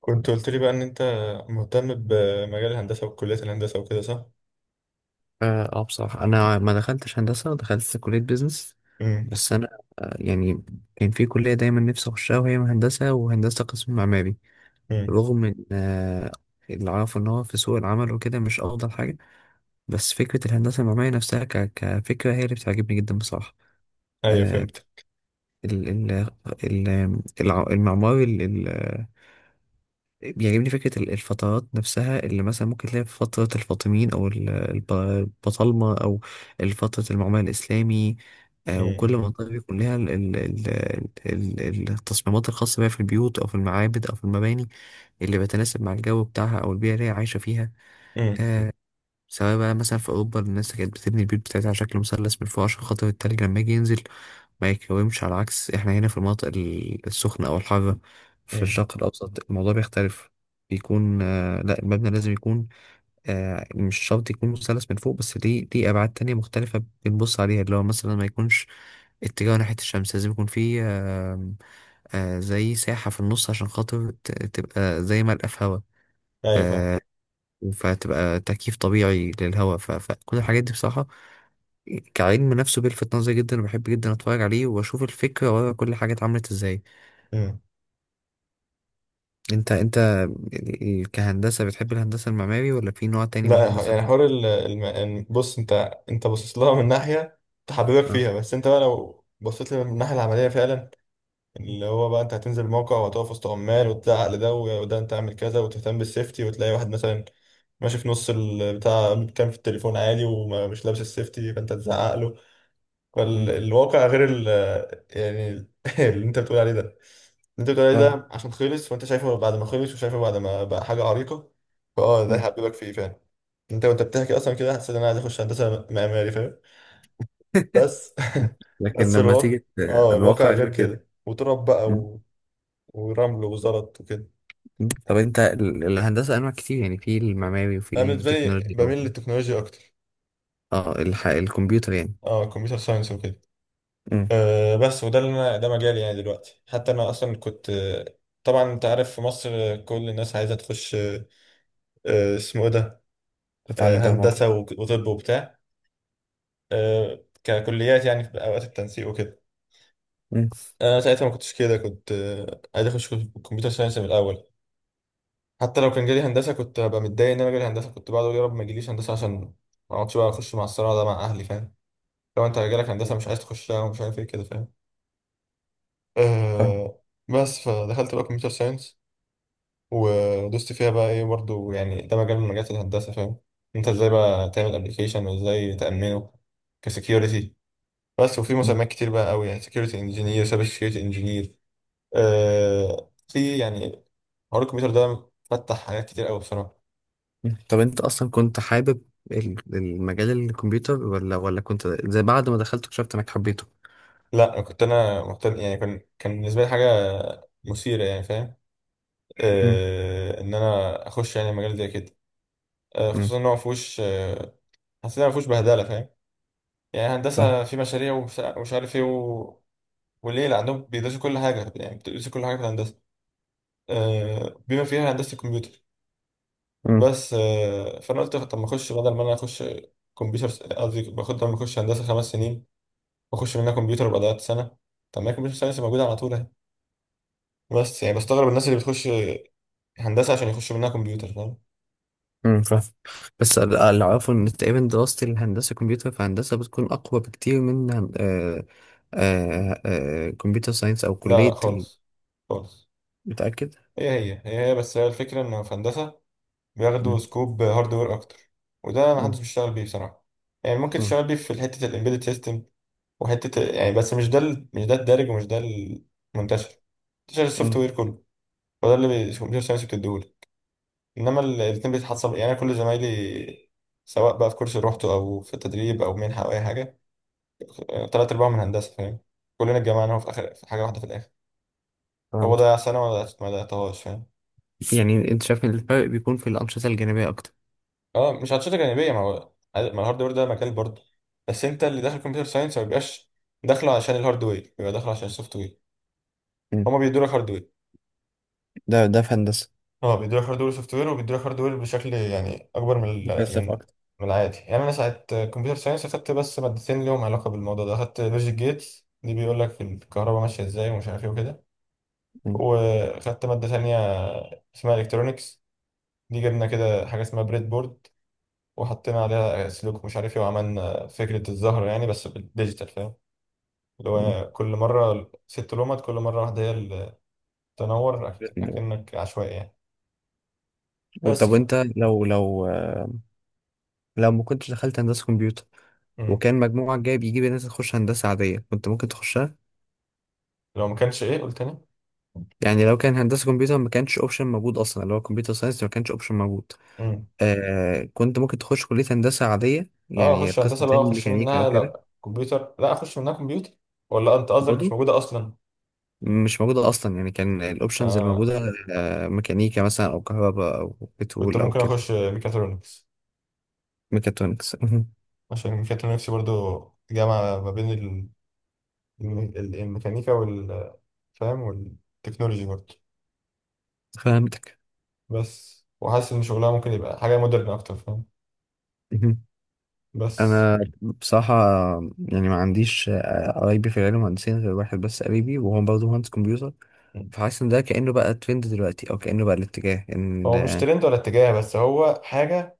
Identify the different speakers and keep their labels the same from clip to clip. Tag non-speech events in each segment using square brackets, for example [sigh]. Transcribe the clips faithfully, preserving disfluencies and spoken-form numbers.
Speaker 1: كنت قلت لي بقى ان انت مهتم بمجال الهندسه وكليه الهندسه وكده، صح؟
Speaker 2: اه، آه، بصراحة أنا ما دخلتش هندسة، دخلت كلية بيزنس.
Speaker 1: امم.
Speaker 2: بس أنا آه، يعني كان في كلية دايما نفسي أخشها، وهي هندسة وهندسة قسم معماري.
Speaker 1: امم.
Speaker 2: رغم إن آه، اللي أعرفه إن هو في سوق العمل وكده مش أفضل حاجة، بس فكرة الهندسة المعمارية نفسها ك- كفكرة هي اللي بتعجبني جدا بصراحة.
Speaker 1: ايوه،
Speaker 2: آه،
Speaker 1: فهمت.
Speaker 2: ال- ال- ال- الع- المعماري بيعجبني. فكرة ال- الفترات نفسها اللي مثلا ممكن تلاقي في فترة الفاطميين أو ال- الب- البطالمة أو فترة المعمل الإسلامي. آه، وكل
Speaker 1: امم.
Speaker 2: منطقة بيكون لها ال- ال- ال- ال- ال- التصميمات الخاصة بيها في البيوت أو في المعابد أو في المباني اللي بتناسب مع الجو بتاعها أو البيئة اللي هي عايشة فيها.
Speaker 1: امم.
Speaker 2: آه، سواء بقى مثلا في أوروبا الناس كانت بتبني البيوت بتاعتها على شكل مثلث من فوق عشان خاطر التلج لما يجي ينزل ما يتكومش، على عكس احنا هنا في المناطق ال- السخنة أو الحارة. في
Speaker 1: امم.
Speaker 2: الشرق الأوسط الموضوع بيختلف، بيكون آه لا، المبنى لازم يكون آه مش شرط يكون مثلث من فوق، بس ليه ليه أبعاد تانية مختلفة بنبص عليها، اللي هو مثلا ما يكونش اتجاه ناحية الشمس، لازم يكون فيه آه آه زي ساحة في النص عشان خاطر ت- تبقى زي ملقى في هوا.
Speaker 1: ايوه، فاهم.
Speaker 2: آه، فتبقى تكييف طبيعي للهواء. ف... فكل الحاجات دي بصراحة كعلم نفسه بيلفت نظري جدا، وبحب جدا اتفرج عليه واشوف الفكرة ورا كل حاجة اتعملت ازاي.
Speaker 1: امم.
Speaker 2: انت انت يعني كهندسة بتحب الهندسة المعماري، ولا في نوع تاني من
Speaker 1: لا، ح-
Speaker 2: الهندسة
Speaker 1: يعني
Speaker 2: بت...
Speaker 1: حوار ال... الم... إن- بص انت، انت باصص لها من ناحيه تحببك
Speaker 2: اه.
Speaker 1: فيها، بس انت بقى لو بصيت لها من الناحيه العمليه فعلا، اللي هو بقى انت هتنزل موقع وهتقف وسط عمال وتزعق لده و- وده، انت اعمل كذا وتهتم بالسيفتي، وتلاقي واحد مثلا ماشي في نص البتاع كان في التليفون عادي ومش لابس السيفتي، فانت تزعق.
Speaker 2: مم.
Speaker 1: فالواقع غير ال يعني ال- [laughs] اللي انت بتقول عليه ده، اللي انت بتقول عليه
Speaker 2: فاهم.
Speaker 1: ده عشان خلص، وانت شايفه بعد ما خلص، وشايفه بعد ما بقى حاجة عريقة. فاه، ده
Speaker 2: مم.
Speaker 1: هيحببك فيه فعلا. انت وانت بتحكي اصلا كده حسيت ان انا عايز اخش هندسة معماري، فاهم؟ بس،
Speaker 2: [laughs]
Speaker 1: [laughs]
Speaker 2: لكن
Speaker 1: بس
Speaker 2: لما
Speaker 1: الواقع،
Speaker 2: تيجي ت-
Speaker 1: اه، الواقع
Speaker 2: الواقع
Speaker 1: غير
Speaker 2: غير كده.
Speaker 1: كده وتراب بقى
Speaker 2: مم.
Speaker 1: و... ورمل وزلط وكده.
Speaker 2: مم. طب انت ال- الهندسة انواع كتير، يعني في المعماري وفي
Speaker 1: انا بالنسبة لي
Speaker 2: التكنولوجيا و-
Speaker 1: بميل للتكنولوجيا اكتر.
Speaker 2: اه، الح... الكمبيوتر يعني.
Speaker 1: اه، كمبيوتر ساينس وكده.
Speaker 2: مم.
Speaker 1: أه بس، وده اللي انا ده مجالي يعني دلوقتي، حتى انا اصلا كنت، آه، طبعا انت عارف في مصر آه، كل الناس عايزه تخش، آه، آه، اسمه ايه ده؟ آه،
Speaker 2: تتعلم برمجة.
Speaker 1: هندسه وك- وطب وبتاع. أه، ككليات يعني في اوقات التنسيق وكده.
Speaker 2: مم.
Speaker 1: انا ساعتها ما كنتش كده، كنت آه، عايز اخش كمبيوتر ساينس من الاول. حتى لو كان جالي هندسه كنت هبقى متضايق ان انا جالي هندسه، كنت بقعد اقول يا رب ما يجيليش هندسه عشان ما اقعدش بقى اخش مع الصراع ده مع اهلي، فاهم؟ لو انت جالك هندسه مش عايز تخشها ومش عارف ايه كده، فاهم؟ أه. بس فدخلت بقى كمبيوتر ساينس. ودوست فيها بقى ايه برضو، يعني ده مجال من مجالات الهندسة، فاهم؟ انت ازاي بقى تعمل ابلكيشن وازاي تأمنه كسكيورتي. بس، وفي
Speaker 2: فاهم.
Speaker 1: مسميات كتير بقى قوي، يعني سكيورتي انجينير، سايبر سكيورتي انجينير. آه في يعني حوار الكمبيوتر ده فتح حاجات كتير قوي بصراحة.
Speaker 2: طب انت اصلا كنت حابب ال- المجال الكمبيوتر، ولا ولا كنت زي بعد ما دخلت اكتشفت انك حبيته؟
Speaker 1: لا كنت انا مهتم، يعني كان كان بالنسبة لي حاجة مثيرة يعني، فاهم؟
Speaker 2: امم.
Speaker 1: آه ان انا اخش يعني مجال زي كده. آه
Speaker 2: امم.
Speaker 1: خصوصا ان هو مفهوش، آه حسيت ان هو مفهوش بهدلة، فاهم؟ يعني هندسة
Speaker 2: فاهم.
Speaker 1: في مشاريع ومش ومش عارف ايه. وليه اللي عندهم بيدرسوا كل حاجة، يعني بتدرسوا كل حاجة في الهندسة، آه، بما فيها هندسة الكمبيوتر.
Speaker 2: امم.
Speaker 1: بس آه، فأنا قلت طب ما أخش بدل ما أنا أخش كمبيوتر. قصدي باخد بدل ما أخش هندسة خمس سنين، وأخش منها كمبيوتر يبقى ضيعت سنة. طب ما هي كمبيوتر ساينس موجودة على طول أهي. بس يعني بستغرب الناس اللي بتخش هندسة عشان يخش منها كمبيوتر، فاهم؟
Speaker 2: امم. فاهم. بس ال- اللي اعرفه ان تقريبا دراسة الهندسة كمبيوتر، فهندسة بتكون اقوى بكتير من هن- آه آه آه كمبيوتر ساينس او
Speaker 1: لا، لا،
Speaker 2: كلية ال-
Speaker 1: خالص. خالص.
Speaker 2: متأكد؟
Speaker 1: هي هي هي هي بس، هي الفكرة إن في هندسة بياخدوا
Speaker 2: امم.
Speaker 1: سكوب هاردوير أكتر. وده محدش
Speaker 2: امم.
Speaker 1: بيشتغل بيه بصراحة. يعني ممكن
Speaker 2: امم.
Speaker 1: تشتغل بيه في حتة الإمبيدد سيستم، وحته يعني، بس مش ده ال- مش ده الدارج ومش ده المنتشر. منتشر السوفت
Speaker 2: امم.
Speaker 1: وير كله. وده اللي كمبيوتر ساينس بتديهوله. انما ال- الاتنين بيتحصل، يعني أنا كل زمايلي، سواء بقى في كورس روحته او في تدريب او منحه او اي حاجه، آه، تلات ارباعهم من هندسه، فاهم؟ كلنا اتجمعنا هو في اخر في حاجه واحده في الاخر. هو
Speaker 2: فهمت.
Speaker 1: ضيع سنه وما ما ضيعتهاش، فاهم؟
Speaker 2: يعني انت شايف ان الفرق بيكون في الأنشطة الجانبية اكتر؟
Speaker 1: اه، مش هتشتغل جانبيه، ما هو ما الهاردوير ده مجال برضه. بس انت اللي داخل كمبيوتر ساينس ما بيبقاش داخله عشان الهاردوير، بيبقى داخله عشان السوفت وير.
Speaker 2: امم.
Speaker 1: هما بيدوا لك هاردوير.
Speaker 2: ده ده في هندسة.
Speaker 1: اه، بيدوا لك هاردوير وسوفت وير، وبيدوا لك هاردوير بشكل يعني اكبر من
Speaker 2: ده
Speaker 1: ال- من
Speaker 2: فلسفة اكتر.
Speaker 1: من العادي. يعني انا ساعه كمبيوتر ساينس اخدت بس مادتين ليهم علاقه بالموضوع ده، اخدت لوجيك جيتس، دي بيقول لك الكهرباء ماشيه ازاي ومش عارف ايه وكده.
Speaker 2: امم.
Speaker 1: واخدت ماده تانية اسمها الكترونكس. دي جبنا كده حاجه اسمها بريد بورد، وحطينا عليها سلوك مش عارف ايه، وعملنا فكره الزهر يعني بس بالديجيتال، فاهم؟ اللي هو كل مره ست لومات، كل مره واحده هي اللي تنور، أك-
Speaker 2: امم.
Speaker 1: اكنك عشوائي يعني.
Speaker 2: طب
Speaker 1: بس، ف...
Speaker 2: وانت لو لو لو ما كنتش دخلت هندسة كمبيوتر،
Speaker 1: مم.
Speaker 2: وكان مجموعك جايب يجيب الناس تخش هندسة عادية، كنت ممكن تخشها؟
Speaker 1: لو ما كانش ايه، قلت تاني؟
Speaker 2: يعني لو كان هندسة كمبيوتر ما كانش اوبشن موجود اصلا، اللي هو كمبيوتر ساينس ما كانش اوبشن موجود،
Speaker 1: امم.
Speaker 2: آه كنت ممكن تخش كلية هندسة عادية
Speaker 1: اه،
Speaker 2: يعني
Speaker 1: اخش
Speaker 2: قسم
Speaker 1: هندسه بقى،
Speaker 2: تاني،
Speaker 1: اخش
Speaker 2: ميكانيكا او
Speaker 1: منها
Speaker 2: كده.
Speaker 1: لا كمبيوتر، لا اخش منها كمبيوتر. ولا انت قصدك مش
Speaker 2: برضه.
Speaker 1: موجوده اصلا؟
Speaker 2: مش موجودة اصلا يعني، كان الاوبشنز
Speaker 1: آه،
Speaker 2: الموجودة آه ميكانيكا مثلا او كهرباء او
Speaker 1: كنت
Speaker 2: بترول او
Speaker 1: ممكن
Speaker 2: كده.
Speaker 1: اخش ميكاترونكس.
Speaker 2: ميكاترونكس. [laughs]
Speaker 1: عشان ميكاترونكس برضو جامعه ما بين ال- الم- ال- الميكانيكا وال فاهم، والتكنولوجي برضو.
Speaker 2: فهمتك.
Speaker 1: بس، وحاسس ان شغلها ممكن يبقى حاجه مودرن اكتر، فاهم؟
Speaker 2: [laughs]
Speaker 1: بس.
Speaker 2: انا بصراحه يعني ما عنديش آه، قرايبي في العلم مهندسين غير واحد بس قريبي، وهو برضه مهندس كمبيوتر.
Speaker 1: مم.
Speaker 2: فحاسس ان ده كانه بقى ترند دلوقتي، او كانه بقى الاتجاه ان
Speaker 1: هو مش
Speaker 2: اه
Speaker 1: ترند ولا اتجاه، بس هو حاجه،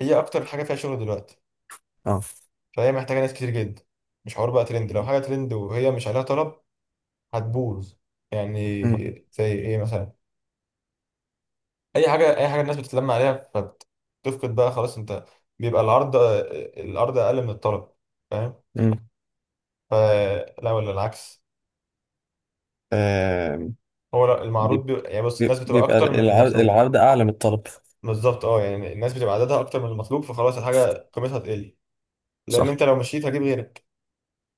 Speaker 1: هي اكتر حاجه فيها شغل دلوقتي.
Speaker 2: آه.
Speaker 1: فهي محتاجه ناس كتير جدا. مش حوار بقى ترند، لو حاجه ترند وهي مش عليها طلب هتبوظ يعني.
Speaker 2: مم.
Speaker 1: زي ايه مثلا؟ اي حاجه اي حاجه الناس بتتلم عليها، فبتفقد بقى خلاص، انت، بيبقى العرض العرض اقل من الطلب، فاهم؟
Speaker 2: مم.
Speaker 1: فلا، ولا العكس.
Speaker 2: آه
Speaker 1: هو لا، المعروض
Speaker 2: بيب-
Speaker 1: بي... يعني بص الناس
Speaker 2: بيب-
Speaker 1: بتبقى
Speaker 2: بيبقى
Speaker 1: اكتر من
Speaker 2: العرض
Speaker 1: المطلوب.
Speaker 2: العرض أعلى من الطلب.
Speaker 1: بالظبط اه، يعني الناس بتبقى عددها اكتر من المطلوب، فخلاص الحاجه قيمتها تقل. لان
Speaker 2: صح.
Speaker 1: انت لو مشيت هجيب غيرك.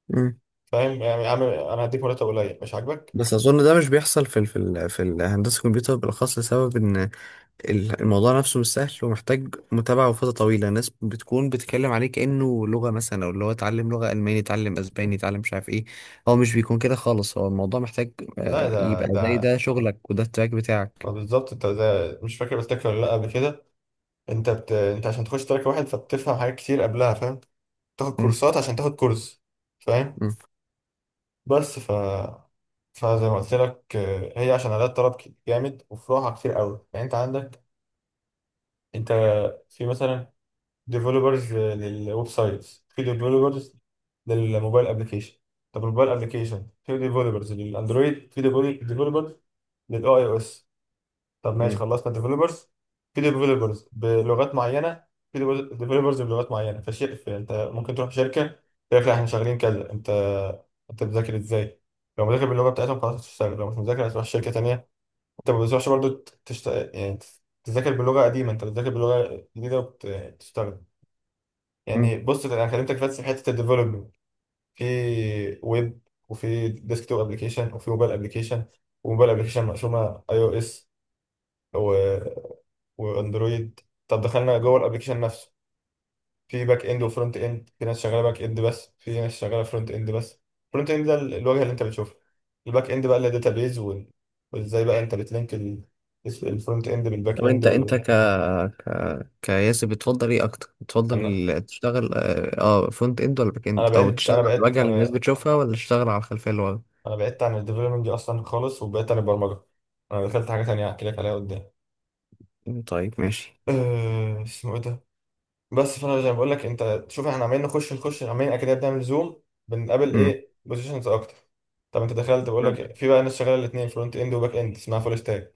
Speaker 2: مم.
Speaker 1: فاهم؟ يعني يا عم انا هديك مرتب قليل مش عاجبك.
Speaker 2: بس اظن ده مش بيحصل في ال- في ال- في الهندسه الكمبيوتر بالاخص، لسبب ان ال- الموضوع نفسه مش سهل ومحتاج متابعة وفترة طويلة. الناس بتكون بتتكلم عليه كأنه لغة مثلا، أو اللي هو اتعلم لغة ألماني، اتعلم أسباني، اتعلم مش عارف إيه. هو مش بيكون كده خالص، هو الموضوع محتاج
Speaker 1: لا،
Speaker 2: آه،
Speaker 1: ده
Speaker 2: يبقى زي ده
Speaker 1: ده
Speaker 2: شغلك وده التراك بتاعك.
Speaker 1: ما بالظبط، انت ده مش فاكر قلت لك ولا لا قبل كده؟ انت بت... انت عشان تخش تراك واحد فبتفهم حاجات كتير قبلها، فاهم؟ تاخد
Speaker 2: مم.
Speaker 1: كورسات عشان تاخد كورس، فاهم؟
Speaker 2: مم.
Speaker 1: بس، ف فزي ما قلت لك، آه، هي عشان عدد طلب ك- جامد وفروعها كتير قوي، يعني انت عندك، انت في مثلا ديفلوبرز للويب سايتس، في ديفلوبرز للموبايل ابلكيشن. طب الموبايل ابلكيشن، في ديفلوبرز للاندرويد، في ديفلوبرز للاي او اس. طب ماشي
Speaker 2: مم.
Speaker 1: خلصنا ديفلوبرز، في ديفلوبرز بلغات معينه، في ديفلوبرز بلغات معينه فشيء انت ممكن تروح شركه تقول لك لا احنا شغالين كذا، انت، انت بتذاكر ازاي؟ لو مذاكر باللغه بتاعتهم خلاص هتشتغل، لو مش مذاكر هتروح شركه تانيه. انت ما بتروحش برضه تشت... يعني تذاكر بلغه قديمه، انت بتذاكر بلغه جديده وبتشتغل.
Speaker 2: مم.
Speaker 1: يعني بص، انا كلمتك بس في حته الديفلوبمنت، في ويب، وفي ديسكتوب ابلكيشن، وفي موبايل ابلكيشن. وموبايل ابلكيشن مقسومه اي او اس واندرويد. طب دخلنا جوه الابلكيشن نفسه، في باك اند وفرونت اند، في ناس شغاله باك اند بس، في ناس شغاله فرونت اند بس. فرونت اند ده ال- الواجهه اللي انت بتشوفها. الباك اند بقى اللي داتابيز وال... وازاي بقى انت بتلينك ال... الفرونت اند بالباك
Speaker 2: طب
Speaker 1: اند
Speaker 2: أنت أنت
Speaker 1: وال...
Speaker 2: ك ك كياسر بتفضل إيه أكتر؟ بتفضل
Speaker 1: انا
Speaker 2: تشتغل أه آه، فرونت إند ولا باك
Speaker 1: انا
Speaker 2: إند؟ أو
Speaker 1: بعدت
Speaker 2: تشتغل
Speaker 1: انا
Speaker 2: على
Speaker 1: بعدت
Speaker 2: الواجهة اللي الناس
Speaker 1: انا
Speaker 2: بتشوفها ولا تشتغل على الخلفية اللي ورا؟
Speaker 1: انا بعدت عن الديفلوبمنت دي اصلا خالص، وبعدت عن البرمجه. انا دخلت حاجه تانية هحكي لك عليها قدام.
Speaker 2: مم، طيب ماشي.
Speaker 1: أه... اسمه ايه ده؟ بس فانا زي ما بقول لك، انت شوف احنا عمالين نخش نخش، عمالين اكيد بنعمل زوم، بنقابل
Speaker 2: مم.
Speaker 1: ايه، بوزيشنز اكتر. طب انت دخلت، بقول
Speaker 2: فهمت.
Speaker 1: لك في بقى ناس شغاله الاثنين فرونت اند وباك اند، اسمها فول ستاك.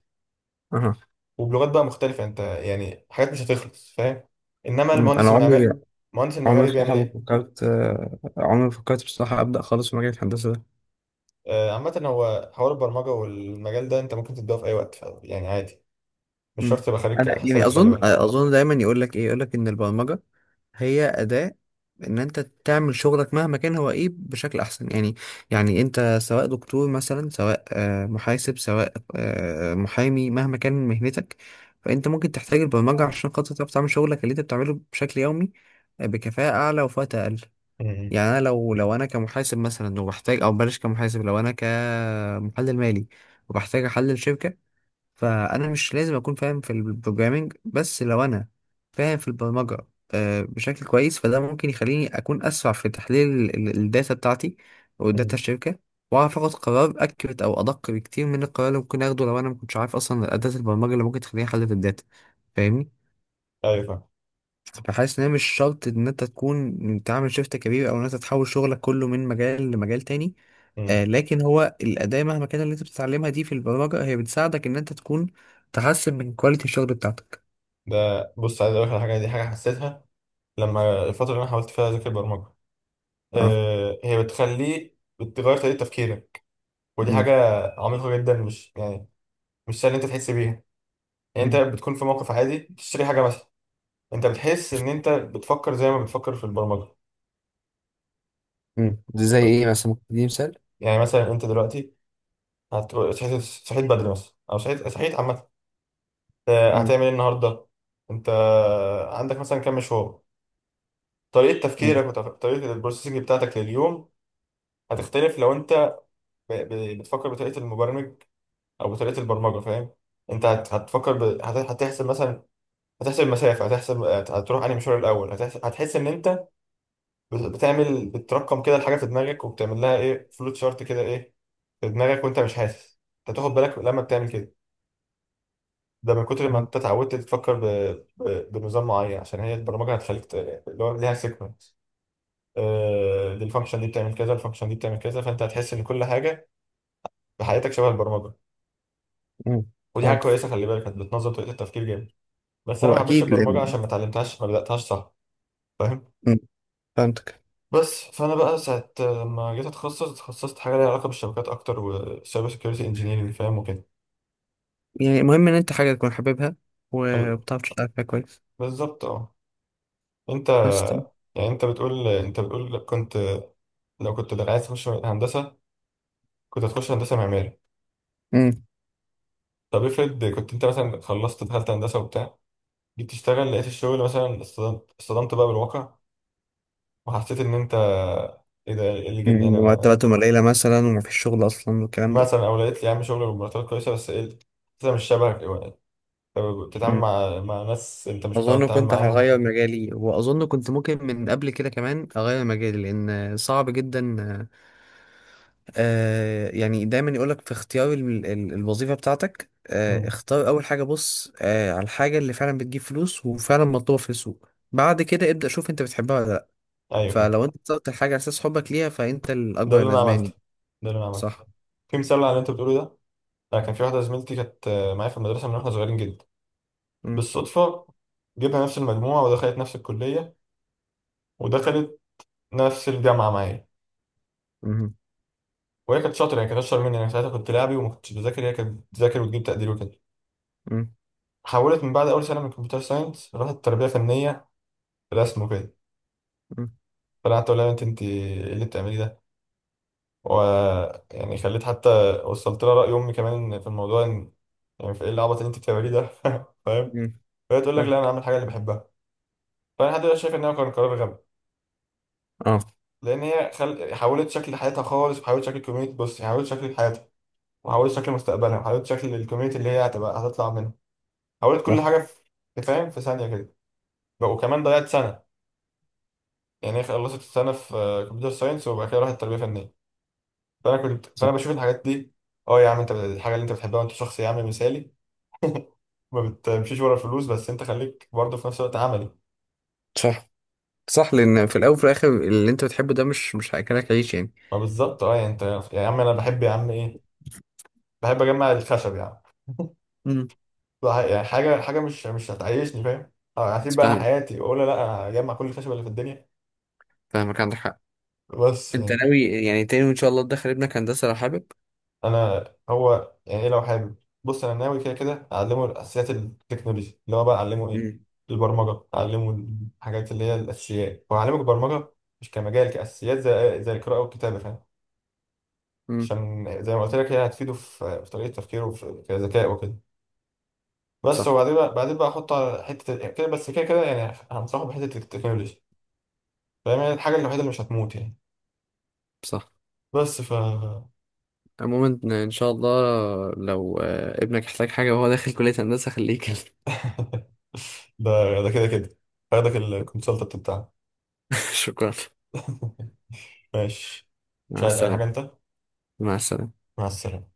Speaker 2: أها.
Speaker 1: وبلغات بقى مختلفه، انت يعني حاجات مش هتخلص، فاهم؟ انما
Speaker 2: مم.
Speaker 1: المهندس
Speaker 2: أنا
Speaker 1: المعماري
Speaker 2: عمري
Speaker 1: المهندس
Speaker 2: عمري
Speaker 1: المعماري
Speaker 2: بصراحة
Speaker 1: بيعمل
Speaker 2: ما
Speaker 1: ايه؟
Speaker 2: فكرت، آه، عمري ما فكرت بصراحة أبدأ خالص في مجال الهندسة ده.
Speaker 1: آه عامه هو حوار البرمجه والمجال ده انت ممكن تبداه في اي وقت، ف- يعني عادي. مش شرط
Speaker 2: مم.
Speaker 1: تبقى خريج
Speaker 2: انا يعني
Speaker 1: حسابات، خلي
Speaker 2: اظن
Speaker 1: بالك.
Speaker 2: اظن دايما يقول لك ايه، يقول لك ان البرمجه هي اداه ان انت تعمل شغلك مهما كان هو ايه بشكل احسن، يعني. يعني انت سواء دكتور مثلا، سواء آه، محاسب، سواء آه، محامي، مهما كان مهنتك، فانت ممكن تحتاج البرمجه عشان خاطر تعرف تعمل شغلك اللي انت بتعمله بشكل يومي آه، بكفاءه اعلى وفي وقت اقل.
Speaker 1: مم.
Speaker 2: يعني انا لو لو انا كمحاسب مثلا وبحتاج، او بلاش كمحاسب، لو انا كمحلل مالي وبحتاج احلل شركه، فانا مش لازم اكون فاهم في البروجرامينج، بس لو انا فاهم في البرمجه آه، بشكل كويس، فده ممكن يخليني اكون اسرع في تحليل ال- ال- الداتا بتاعتي او داتا
Speaker 1: مم.
Speaker 2: الشركه، واعرف اخد قرار اكيوريت او ادق بكتير من القرار اللي ممكن اخده لو انا ما كنتش عارف اصلا اداه البرمجه اللي ممكن تخليني احلل الداتا، فاهمني؟
Speaker 1: ايوه، فاهم.
Speaker 2: فحاسس ان هي مش شرط ان انت تكون تعمل شيفت كبير، او ان انت تحول شغلك كله من مجال لمجال تاني. آه
Speaker 1: مم.
Speaker 2: لكن هو الاداة مهما كان اللي انت بتتعلمها دي في البرمجة، هي بتساعدك ان انت تكون تحسن من كواليتي الشغل بتاعتك.
Speaker 1: ده بص، عايز اقول لك على حاجه، دي حاجه حسيتها لما الفتره اللي انا حاولت فيها اذاكر برمجه.
Speaker 2: اه.
Speaker 1: آه، هي بتخليه بتغير طريقة تفكيرك. ودي
Speaker 2: امم.
Speaker 1: حاجة عميقة جدا، مش يعني مش سهل إن أنت تحس بيها. يعني أنت
Speaker 2: امم.
Speaker 1: بتكون في موقف عادي بتشتري حاجة مثلا، أنت بتحس إن أنت بتفكر زي ما بتفكر في البرمجة.
Speaker 2: مم. دي زي ايه مثلا؟ ممكن تديني مثال.
Speaker 1: يعني مثلا أنت دلوقتي هت- صحيت صحيت بدري مثلا، أو صحيت صحيت عامة، آه،
Speaker 2: امم.
Speaker 1: هتعمل إيه النهاردة؟ أنت عندك مثلا كام مشوار؟ طريقة
Speaker 2: أمم.
Speaker 1: تفكيرك وطريقة البروسيسنج بتاعتك لليوم هتختلف لو أنت ب- ب- بتفكر بطريقة المبرمج، او بطريقه البرمجه، فاهم؟ انت هت- هتفكر ب... هت- هتحسب مثلا، هتحسب المسافه، هتحسب هت- هتروح انهي مشوار الاول، هتحس... هتحس ان انت بت- بتعمل بترقم كده الحاجه في دماغك، وبتعمل لها ايه، فلوت شارت كده ايه في دماغك، وانت مش حاسس. انت تاخد بالك لما بتعمل كده، ده من كتر ما
Speaker 2: فهمت.
Speaker 1: انت اتعودت تفكر ب... ب... بنظام معين، عشان هي البرمجه هتخليك، ت- اللي هو ليها سيكونس. آه... الفانكشن دي بتعمل كذا، الفانكشن دي بتعمل كذا، فانت هتحس ان كل حاجه في حياتك شبه البرمجه.
Speaker 2: مم.
Speaker 1: ودي حاجه
Speaker 2: فهمت.
Speaker 1: كويسه، خلي بالك، هت- بتنظم طريقه التفكير جامد. بس انا
Speaker 2: هو
Speaker 1: ما حبيتش
Speaker 2: اكيد
Speaker 1: البرمجه
Speaker 2: لان.
Speaker 1: عشان ما اتعلمتهاش، ما بداتهاش، صح؟ فاهم؟
Speaker 2: أمم. فهمتك.
Speaker 1: بس فانا بقى ساعه ما جيت اتخصص، اتخصصت حاجه ليها علاقه بالشبكات اكتر، وسايبر سكيورتي انجينيرنج، فاهم؟ وكده.
Speaker 2: يعني المهم ان انت حاجة تكون حاببها
Speaker 1: طب-
Speaker 2: وبتعرف تشتغل فيها كويس
Speaker 1: بالظبط اه. انت
Speaker 2: بس.
Speaker 1: يعني، انت بتقول انت بتقول كنت، لو كنت عايز تخش هندسه كنت هتخش هندسه معماري.
Speaker 2: امم.
Speaker 1: طب افرض كنت انت مثلا خلصت دخلت هندسه وبتاع، جيت تشتغل لقيت الشغل مثلا اصطدمت اصطدمت بقى بالواقع، وحسيت ان انت، ايه ده؟ إيه اللي جبني
Speaker 2: أمم.
Speaker 1: هنا؟
Speaker 2: مرتباتهم قليلة مثلا، ومفيش شغل اصلا، والكلام ده.
Speaker 1: مثلا، او لقيت لي يا عم شغل بمرتبات كويسه بس ايه، انت مش شبهك، إيه، طب، بتتعامل مع مع ناس انت مش متعود
Speaker 2: اظن
Speaker 1: تتعامل
Speaker 2: كنت
Speaker 1: معاهم.
Speaker 2: هغير مجالي، واظن كنت ممكن من قبل كده كمان اغير مجالي لان صعب جدا. آه يعني دايما يقولك في اختيار ال- ال- الوظيفة بتاعتك، آه
Speaker 1: امم.
Speaker 2: اختار اول حاجة، بص آه على الحاجة اللي فعلا بتجيب فلوس وفعلا مطلوبة في السوق، بعد كده ابدأ شوف انت بتحبها ولا لا.
Speaker 1: ايوه، فاهم.
Speaker 2: فلو انت اخترت الحاجة على اساس حبك ليها فانت
Speaker 1: ده
Speaker 2: الاكبر
Speaker 1: اللي انا عملته،
Speaker 2: ندمان.
Speaker 1: ده اللي انا عملته.
Speaker 2: صح.
Speaker 1: في مثال على اللي انت بتقوله ده. انا كان في واحده زميلتي كانت آه، معايا في المدرسه من واحنا صغيرين جدا.
Speaker 2: مم.
Speaker 1: بالصدفه، جبها نفس المجموعه، ودخلت نفس الكليه، ودخلت نفس الجامعه معايا.
Speaker 2: مم.
Speaker 1: وهي كانت شاطره، يعني كانت اشطر مني، انا ساعتها كنت لاعبي وما كنتش بذاكر، هي كانت بتذاكر وتجيب تقدير وكده.
Speaker 2: مم.
Speaker 1: حولت من بعد اول سنه من كمبيوتر ساينس راحت تربيه فنيه، رسم وكده.
Speaker 2: مم.
Speaker 1: فقعدت اقول لها يا بنت، انت ايه اللي بتعملي ده؟ و، يعني خليت حتى وصلت لها راي امي كمان في الموضوع ان، يعني في ايه العبط اللي انت بتعمليه ده؟ [laughs] فاهم؟
Speaker 2: مم.
Speaker 1: فهي تقول لك
Speaker 2: صح.
Speaker 1: لا انا اعمل حاجه اللي بحبها. فانا لحد دلوقتي شايف ان هو كان قرار غبي.
Speaker 2: اه.
Speaker 1: لان هي خل... حولت شكل حياتها خالص، وحولت شكل الكوميونتي، بص، حولت شكل حياتها، وحولت شكل مستقبلها، وحولت شكل الكوميونتي اللي هي هتبقى هتطلع منها. حولت كل
Speaker 2: صح.
Speaker 1: حاجه، في فاهم؟ في ثانيه كده. وكمان ضيعت سنه، يعني هي خلصت السنه في كمبيوتر ساينس وبعد كده راحت تربيه فنيه. فانا كنت
Speaker 2: صح.
Speaker 1: فانا بشوف الحاجات دي. اه يا عم، انت الحاجه اللي انت بتحبها، وانت شخص يا عم مثالي، ما بتمشيش ورا الفلوس، بس انت خليك برضه في نفس الوقت عملي.
Speaker 2: صح. صح، لان في الاول وفي الاخر اللي انت بتحبه ده مش مش هياكلك عيش، يعني.
Speaker 1: ما بالظبط اه، يعني انت، يا عم انا بحب يا عم ايه، بحب اجمع الخشب يا عم.
Speaker 2: امم.
Speaker 1: بح- يعني حاجه حاجه مش مش هتعيشني، فاهم؟ اه، هسيب
Speaker 2: بس
Speaker 1: بقى انا
Speaker 2: فاهمك.
Speaker 1: حياتي واقول لا انا هجمع كل الخشب اللي في الدنيا.
Speaker 2: فاهمك، عندك حق.
Speaker 1: بس
Speaker 2: انت
Speaker 1: يعني،
Speaker 2: ناوي يعني تاني ان شاء الله تدخل ابنك هندسه لو حابب؟
Speaker 1: انا، هو يعني ايه لو حابب؟ بص انا ناوي كده كده اعلمه الاساسيات التكنولوجيا، اللي هو بقى اعلمه ايه،
Speaker 2: امم.
Speaker 1: البرمجه، اعلمه الحاجات اللي هي الاساسيات واعلمه البرمجه. مش كمجال، كاساسيات زي زي القراءه والكتابه، فاهم؟
Speaker 2: امم.
Speaker 1: عشان زي ما قلت لك هي هتفيده في في طريقه تفكيره وفي كذكاء وكده. بس،
Speaker 2: صح.
Speaker 1: وبعدين بقى بعدين بقى احطه على حته ال- كده، بس كده كده يعني هنصحه بحته التكنولوجيا. فاهم؟ يعني الحاجه الوحيده اللي مش هتموت يعني.
Speaker 2: صح.
Speaker 1: بس، ف [laughs]
Speaker 2: عموما ان إن شاء الله لو آه، ابنك احتاج حاجه وهو داخل كليه هندسه خليه يكلم.
Speaker 1: ده ده كده كده هاخدك الكونسلتنت بتاعنا.
Speaker 2: [laughs] شكرا.
Speaker 1: ماشي. مش
Speaker 2: مع
Speaker 1: عايز اي
Speaker 2: السلامه.
Speaker 1: حاجه انت؟
Speaker 2: مع السلامه.
Speaker 1: مع السلامه.